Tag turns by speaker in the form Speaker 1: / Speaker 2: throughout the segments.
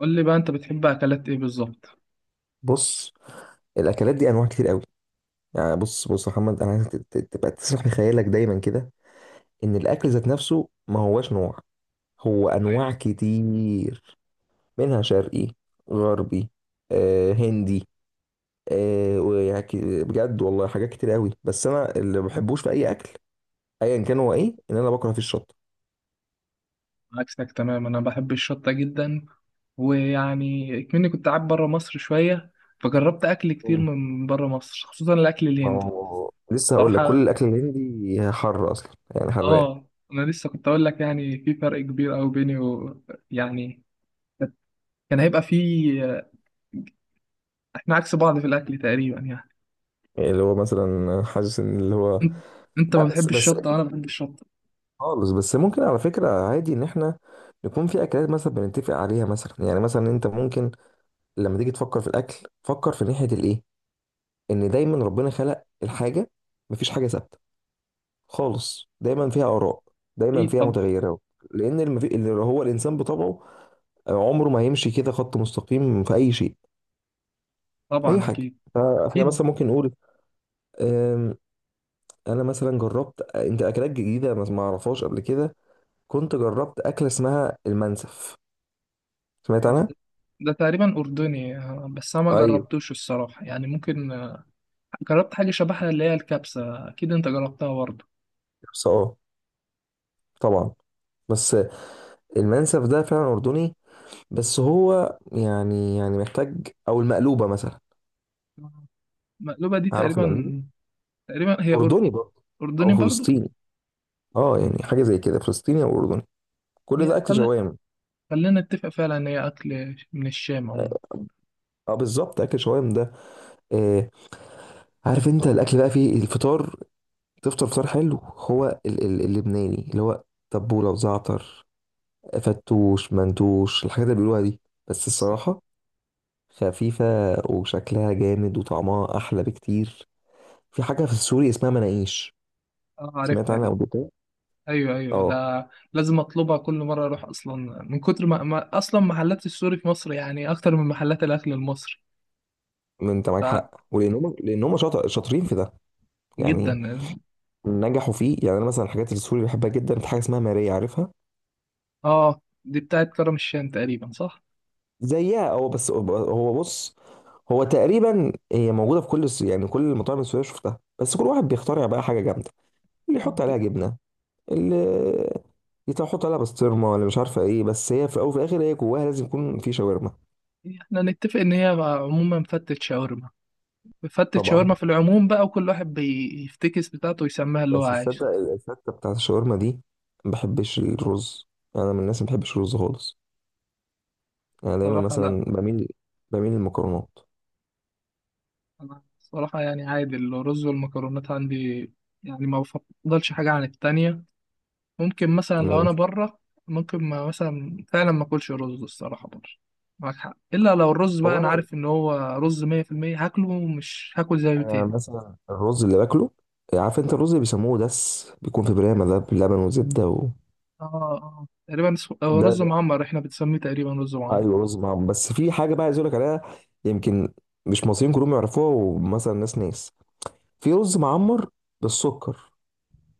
Speaker 1: قول لي بقى انت بتحب اكلات ايه بالظبط؟
Speaker 2: بص، الاكلات دي انواع كتير قوي. يعني بص بص يا محمد، انا عايزك تبقى تسرح بخيالك دايما كده. ان الاكل ذات نفسه ما هواش نوع، هو
Speaker 1: أيوة.
Speaker 2: انواع كتير. منها شرقي، غربي، هندي، ويعني بجد والله حاجات كتير قوي، بس انا اللي ما بحبوش في اي اكل ايا كان هو ايه، ان انا بكره فيه الشطه.
Speaker 1: عكسك تمام، انا بحب الشطه جدا. ويعني كمني كنت قاعد بره مصر شويه، فجربت اكل كتير
Speaker 2: مم.
Speaker 1: من بره مصر، خصوصا الاكل
Speaker 2: ما
Speaker 1: الهندي.
Speaker 2: هو لسه هقول لك، كل
Speaker 1: صراحه
Speaker 2: الاكل الهندي حر اصلا، يعني حراق.
Speaker 1: اه، انا لسه كنت اقول لك يعني في فرق كبير قوي بيني و... يعني كان هيبقى في، احنا عكس بعض في الاكل تقريبا يعني.
Speaker 2: يعني اللي هو مثلا حاسس ان اللي هو،
Speaker 1: انت انت
Speaker 2: لا،
Speaker 1: ما
Speaker 2: بس
Speaker 1: بتحبش
Speaker 2: بس
Speaker 1: الشطه، انا بحب الشطه.
Speaker 2: خالص. بس ممكن على فكرة عادي، ان احنا يكون في اكلات مثلا بنتفق عليها. مثلا يعني مثلا انت ممكن لما تيجي تفكر في الاكل، فكر في ناحية الايه، ان دايما ربنا خلق الحاجة، مفيش حاجة ثابتة خالص، دايما فيها اراء، دايما
Speaker 1: اكيد
Speaker 2: فيها
Speaker 1: طبعا.
Speaker 2: متغيرات. لان اللي هو الانسان بطبعه عمره ما هيمشي كده خط مستقيم في اي شيء، اي
Speaker 1: طبعا
Speaker 2: حاجة.
Speaker 1: اكيد
Speaker 2: فاحنا
Speaker 1: اكيد.
Speaker 2: مثلا ممكن نقول أم، انا مثلا جربت انت اكلات جديدة ما اعرفهاش قبل كده. كنت جربت اكلة اسمها المنسف، سمعت
Speaker 1: آه،
Speaker 2: عنها.
Speaker 1: ده ده تقريبا اردني، آه، بس انا ما
Speaker 2: ايوه،
Speaker 1: جربتوش الصراحه، يعني ممكن جربت حاجة شبهها اللي هي الكبسة. أكيد أنت جربتها برضه.
Speaker 2: بس، طبعا. بس المنسف ده فعلا اردني، بس هو يعني محتاج، او المقلوبه مثلا.
Speaker 1: المقلوبة دي
Speaker 2: عارف المقلوبه،
Speaker 1: تقريبا، تقريبا هي
Speaker 2: اردني برضه، او
Speaker 1: أردني برضه.
Speaker 2: فلسطيني. اه، يعني حاجه زي كده، فلسطيني او اردني، كل ده
Speaker 1: هي
Speaker 2: اكل
Speaker 1: خل...
Speaker 2: شوام.
Speaker 1: خلينا نتفق فعلا إن هي أكل من الشام
Speaker 2: اه،
Speaker 1: عموما.
Speaker 2: بالظبط، اكل شوام ده. آه. عارف انت الاكل بقى فيه الفطار؟ تفطر فطار حلو هو اللبناني اللي هو تبوله وزعتر، فتوش، منتوش، الحاجات اللي بيقولوها دي. بس
Speaker 1: بس-
Speaker 2: الصراحه خفيفة، وشكلها جامد وطعمها أحلى بكتير. في حاجة في السوري اسمها مناقيش،
Speaker 1: أه
Speaker 2: سمعت
Speaker 1: عارفها
Speaker 2: عنها
Speaker 1: دي.
Speaker 2: قبل كده؟
Speaker 1: أيوه أيوه،
Speaker 2: اه.
Speaker 1: ده لازم أطلبها كل مرة أروح، أصلا من كتر ما أصلا محلات السوري في مصر يعني أكتر من محلات الأكل المصري.
Speaker 2: ما انت معاك حق، لانهم شاطرين في ده،
Speaker 1: فجدا.
Speaker 2: يعني نجحوا فيه. يعني انا مثلا الحاجات السوري بحبها جدا. في حاجه اسمها ماريا، عارفها،
Speaker 1: أه دي بتاعت كرم الشام تقريبا، صح؟
Speaker 2: زيها هو. بس هو بص، هو تقريبا هي موجوده في كل يعني كل المطاعم السوريه شفتها، بس كل واحد بيخترع بقى حاجه جامده. اللي يحط عليها جبنه، اللي يحط عليها بسطرمه، ولا مش عارفه ايه، بس هي في الاول وفي الاخر هي جواها لازم يكون في شاورما.
Speaker 1: إحنا نتفق إن هي عموما فتة شاورما، فتة
Speaker 2: طبعا.
Speaker 1: شاورما في العموم بقى، وكل واحد بيفتكس بتاعته ويسميها اللي هو
Speaker 2: بس تصدق
Speaker 1: عايشه.
Speaker 2: الفتة بتاعت الشاورما دي، ما بحبش الرز. انا من الناس ما بحبش الرز خالص. انا دايما
Speaker 1: صراحة لا.
Speaker 2: مثلا بميل للمكرونات.
Speaker 1: أنا صراحة يعني عادي، الرز والمكرونات عندي يعني ما بفضلش حاجة عن التانية. ممكن مثلا لو
Speaker 2: تمام.
Speaker 1: أنا بره، ممكن ما مثلا فعلا ما أكلش رز الصراحة بره. معاك حق، إلا لو الرز بقى
Speaker 2: هو
Speaker 1: أنا
Speaker 2: انا
Speaker 1: عارف إن هو رز مية في المية هاكله ومش هاكل زيه
Speaker 2: انا
Speaker 1: تاني.
Speaker 2: مثلا الرز اللي باكله، عارف انت الرز اللي بيسموه دس، بيكون في برامه ده بلبن وزبده و...
Speaker 1: آه، آه تقريبا هو
Speaker 2: ده,
Speaker 1: رز
Speaker 2: ده
Speaker 1: معمر، إحنا بنسميه تقريبا رز معمر.
Speaker 2: ايوه، رز معمر. بس في حاجه بقى عايز اقول لك عليها، يمكن مش مصريين كلهم يعرفوها، ومثلا ناس ناس. في رز معمر بالسكر.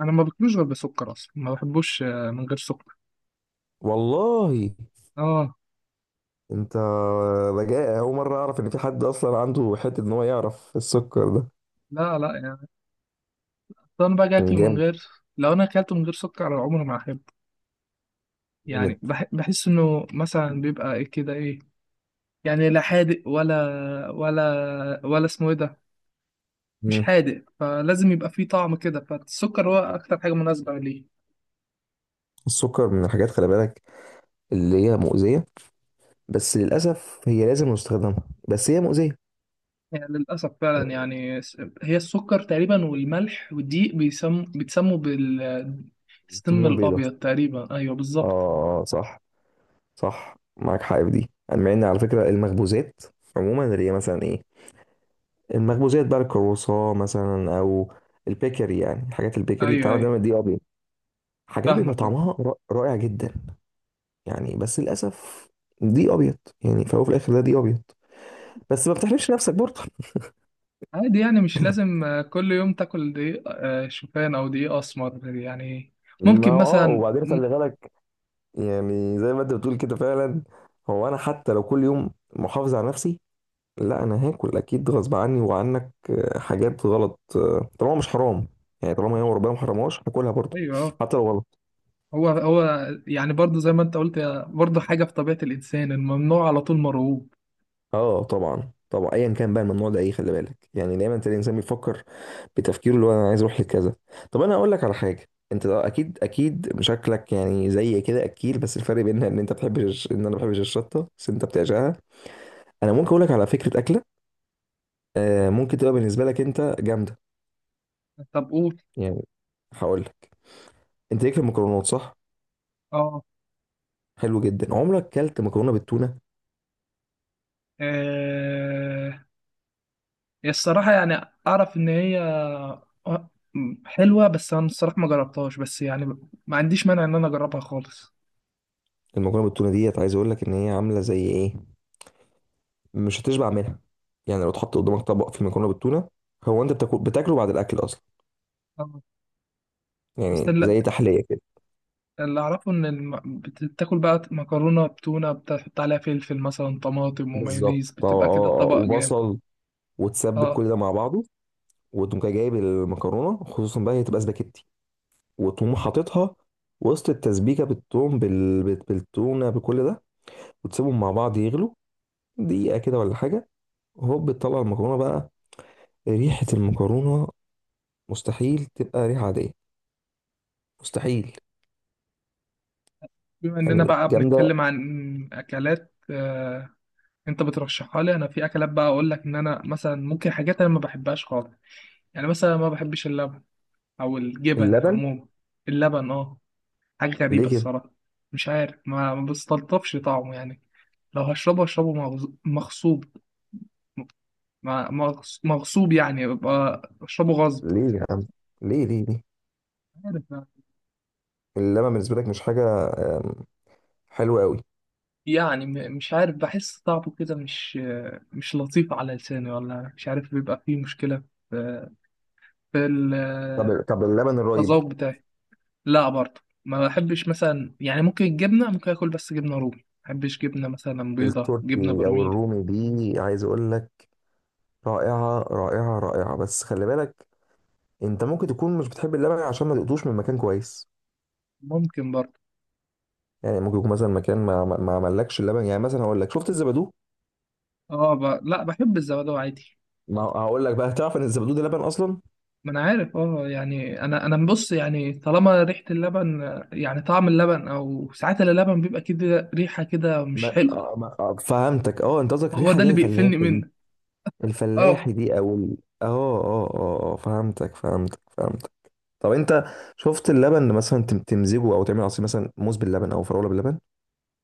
Speaker 1: أنا ما باكلوش غير بسكر أصلا، ما بحبوش آه، من غير سكر.
Speaker 2: والله؟
Speaker 1: آه.
Speaker 2: انت بجاء اول مره اعرف ان في حد اصلا عنده حته ان هو يعرف السكر ده.
Speaker 1: لا لا يعني، بس انا باجي اكله من
Speaker 2: جامد،
Speaker 1: غير. لو انا اكلته من غير سكر على عمري ما احبه.
Speaker 2: جامد.
Speaker 1: يعني بحس انه مثلا بيبقى ايه كده ايه، يعني لا حادق ولا ولا اسمه ايه ده. مش
Speaker 2: مم.
Speaker 1: حادق، فلازم يبقى فيه طعم كده، فالسكر هو اكتر حاجه مناسبه ليه.
Speaker 2: السكر من الحاجات، خلي بالك، اللي هي مؤذيه. بس للاسف هي لازم نستخدمها، بس هي مؤذيه.
Speaker 1: يعني للاسف فعلا، هي السكر تقريبا والملح والدقيق بيتسموا بالسم
Speaker 2: السموم البيضاء،
Speaker 1: الابيض تقريبا، ايوه بالظبط.
Speaker 2: اه، صح، صح، معاك حق في دي. أنا مع ان على فكره المخبوزات عموما، اللي هي مثلا ايه، المخبوزات بقى، الكرواسون مثلا، او البيكري، يعني حاجات البيكري
Speaker 1: ايوه
Speaker 2: بتاعنا
Speaker 1: ايوه.
Speaker 2: دايما دي ابيض. حاجات بيبقى
Speaker 1: فاهمك.
Speaker 2: طعمها رائع جدا، يعني. بس للاسف دي ابيض، يعني فهو في الاخر ده دي ابيض. بس ما بتحرمش نفسك برضه.
Speaker 1: عادي، يعني مش لازم آه، كل يوم تاكل دقيق آه، شوفان او دقيق اسمر يعني.
Speaker 2: ما
Speaker 1: ممكن
Speaker 2: هو،
Speaker 1: مثلا
Speaker 2: وبعدين
Speaker 1: م-
Speaker 2: خلي بالك، يعني زي ما انت بتقول كده فعلا. هو انا حتى لو كل يوم محافظ على نفسي، لا، انا هاكل اكيد غصب عني وعنك حاجات غلط، طالما مش حرام، يعني طالما هي ربنا ما حرمهاش، هاكلها برضه
Speaker 1: ايوه،
Speaker 2: حتى لو غلط.
Speaker 1: هو يعني برضو زي ما انت قلت، هي برضو حاجه في طبيعه الانسان، الممنوع على طول مرغوب.
Speaker 2: اه طبعا، طبعا، ايا كان بقى الممنوع ده ايه، خلي بالك، يعني دايما تلاقي الانسان بيفكر بتفكيره اللي هو انا عايز اروح لكذا. طب انا اقول لك على حاجه، انت ده اكيد، اكيد شكلك يعني زي كده اكيل، بس الفرق بيننا ان انت بتحب ان انا ما بحبش الشطه، بس انت بتعشقها. انا ممكن اقول لك على فكره اكله، ممكن تبقى بالنسبه لك انت جامده.
Speaker 1: طب قول.
Speaker 2: يعني هقول لك، انت ليك في المكرونات، صح؟
Speaker 1: اه
Speaker 2: حلو جدا، عمرك كلت مكرونه بالتونه؟
Speaker 1: آه، الصراحه يعني اعرف ان هي آه، حلوه، بس انا الصراحه ما جربتهاش، بس يعني ما عنديش مانع ان انا اجربها خالص.
Speaker 2: المكرونه بالتونه ديت عايز اقول لك ان هي عامله زي ايه، مش هتشبع منها. يعني لو اتحط قدامك طبق فيه مكرونه بالتونه، هو انت بتاكله بعد الاكل اصلا،
Speaker 1: آه، بس
Speaker 2: يعني
Speaker 1: ال-
Speaker 2: زي تحليه كده.
Speaker 1: اللي اعرفه ان بتاكل بقى مكرونه بتونه، بتحط عليها فلفل مثلا، طماطم
Speaker 2: بالظبط،
Speaker 1: ومايونيز، بتبقى كده طبق جامد.
Speaker 2: وبصل، وتسبك
Speaker 1: اه.
Speaker 2: كل ده مع بعضه، وتقوم جاي جايب المكرونه، خصوصا بقى هي تبقى سباكيتي، وتقوم حاططها وسط التسبيكه بالثوم، بالتونه، بكل ده، وتسيبهم مع بعض يغلوا دقيقه كده ولا حاجه. هوب، بتطلع المكرونه بقى. ريحه المكرونه مستحيل تبقى ريحه عاديه، مستحيل،
Speaker 1: بما اننا
Speaker 2: يعني
Speaker 1: بقى
Speaker 2: جامده.
Speaker 1: بنتكلم عن اكلات آه... انت بترشحها لي انا، في اكلات بقى اقول لك ان انا مثلا ممكن حاجات انا ما بحبهاش خالص. يعني مثلا ما بحبش اللبن او الجبن
Speaker 2: اللبن؟
Speaker 1: عموما. اللبن اه، حاجه غريبه
Speaker 2: ليه كده؟
Speaker 1: الصراحه. مش عارف، ما بستلطفش طعمه يعني. لو هشربه هشربه مغصوب. مغصوب، يعني ببقى اشربه غصب.
Speaker 2: ليه يا عم، ليه ليه ليه؟
Speaker 1: عارف بقى.
Speaker 2: اللبن بالنسبه لك مش حاجه أم، حلوه قوي؟
Speaker 1: يعني مش عارف، بحس طعمه كده مش مش لطيف على لساني، ولا مش عارف بيبقى فيه مشكلة في في
Speaker 2: طب اللبن الرايب،
Speaker 1: التذوق بتاعي. لا برضه ما بحبش مثلا، يعني ممكن الجبنة ممكن اكل، بس جبنة رومي ما بحبش، جبنة مثلا بيضة، جبنة
Speaker 2: التركي او
Speaker 1: برميل.
Speaker 2: الرومي دي، عايز اقول لك، رائعه رائعه رائعه. بس خلي بالك، انت ممكن تكون مش بتحب اللبن عشان ما دقتوش من مكان كويس.
Speaker 1: ممكن برضه.
Speaker 2: يعني ممكن يكون مثلا مكان ما عملكش اللبن. يعني مثلا هقول لك، شفت الزبادو؟
Speaker 1: اه ب... لا بحب الزبادي عادي.
Speaker 2: ما هقول لك بقى، تعرف ان الزبادو ده لبن اصلا؟
Speaker 1: ما انا عارف اه، يعني انا بص يعني، طالما ريحة اللبن، يعني طعم اللبن، او ساعات اللبن بيبقى كده ريحة كده مش
Speaker 2: ما,
Speaker 1: حلوة.
Speaker 2: آه، ما آه، فهمتك. اه، انت قصدك
Speaker 1: هو
Speaker 2: الريحه
Speaker 1: ده
Speaker 2: اللي
Speaker 1: اللي
Speaker 2: هي
Speaker 1: بيقفلني
Speaker 2: الفلاحي دي؟
Speaker 1: منه.
Speaker 2: الفلاحي
Speaker 1: اه
Speaker 2: دي او اه فهمتك، فهمتك، فهمتك. طب انت شفت اللبن اللي مثلا تمزجه او تعمل عصير، مثلا موز باللبن او فراوله باللبن؟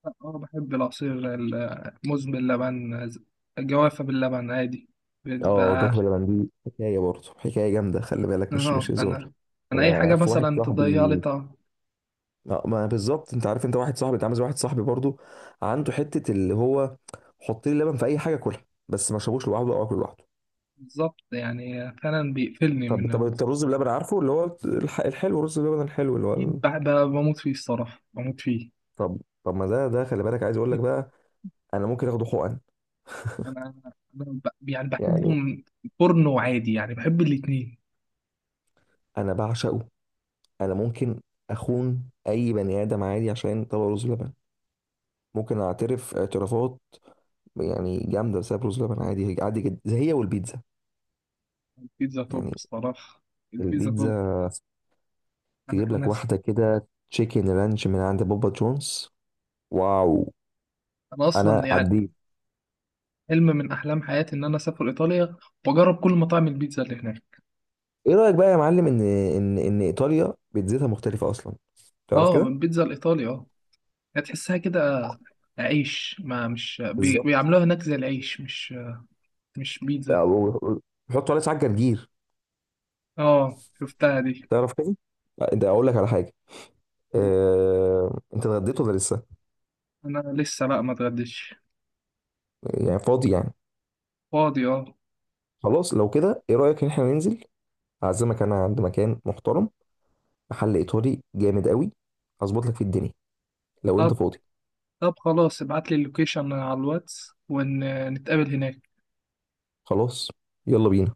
Speaker 1: اه. بحب العصير الموز باللبن، جوافة باللبن عادي،
Speaker 2: اه،
Speaker 1: بيبقى
Speaker 2: جوه باللبن دي حكايه برضه، حكايه جامده، خلي بالك، مش
Speaker 1: اه.
Speaker 2: هزار.
Speaker 1: انا اي
Speaker 2: انا
Speaker 1: حاجة
Speaker 2: في واحد
Speaker 1: مثلا تضيع لي
Speaker 2: صاحبي،
Speaker 1: طعم.
Speaker 2: ما بالظبط، انت عارف، انت واحد صاحبي، انت عامل زي واحد صاحبي برضه، عنده حته اللي هو، حط لي لبن في اي حاجه كلها، بس ما شربوش لوحده او اكل لوحده.
Speaker 1: بالظبط، يعني فعلا بيقفلني
Speaker 2: طب
Speaker 1: من
Speaker 2: طب
Speaker 1: ال...
Speaker 2: انت الرز بلبن، عارفه؟ اللي هو الحلو، الرز بلبن الحلو، اللي هو
Speaker 1: أكيد بموت فيه الصراحة، بموت فيه.
Speaker 2: طب طب ما ده، خلي بالك، عايز اقول لك بقى، انا ممكن اخده حقن،
Speaker 1: يعني بحبه
Speaker 2: يعني
Speaker 1: من فرن وعادي، يعني بحب الاتنين.
Speaker 2: انا بعشقه. انا ممكن اخون اي بني ادم عادي عشان طبق رز بلبن، ممكن اعترف اعترافات، يعني جامده، بسبب رز لبن. عادي، عادي جدا، زي هي والبيتزا.
Speaker 1: البيتزا توب
Speaker 2: يعني
Speaker 1: الصراحة، البيتزا توب.
Speaker 2: البيتزا،
Speaker 1: انا
Speaker 2: تجيب لك
Speaker 1: انا س-
Speaker 2: واحده كده تشيكن رانش من عند بابا جونز. واو.
Speaker 1: انا اصلا
Speaker 2: انا
Speaker 1: يعني
Speaker 2: عديت.
Speaker 1: حلم من احلام حياتي ان انا اسافر ايطاليا واجرب كل مطاعم البيتزا اللي هناك.
Speaker 2: ايه رايك بقى يا معلم، ان ان ايطاليا بيتزتها مختلفه اصلا، تعرف
Speaker 1: اه
Speaker 2: كده؟
Speaker 1: البيتزا الايطالي، اه هتحسها كده عيش، ما مش
Speaker 2: بالظبط.
Speaker 1: بيعملوها هناك زي العيش، مش مش بيتزا.
Speaker 2: بيحطوا عليه ساعات جرجير،
Speaker 1: اه شفتها دي.
Speaker 2: تعرف كده؟ لا، ده اقول لك على حاجه، انت اتغديت ولا لسه؟
Speaker 1: انا لسه بقى ما اتغديتش.
Speaker 2: يعني فاضي يعني؟
Speaker 1: فاضي اه.
Speaker 2: خلاص، لو كده ايه رأيك ان احنا ننزل، اعزمك انا عند مكان محترم، محل ايطالي جامد قوي، هظبط لك في الدنيا، لو انت
Speaker 1: طب
Speaker 2: فاضي.
Speaker 1: طب خلاص، ابعت لي اللوكيشن على الواتس ونتقابل هناك.
Speaker 2: خلاص، يلا بينا.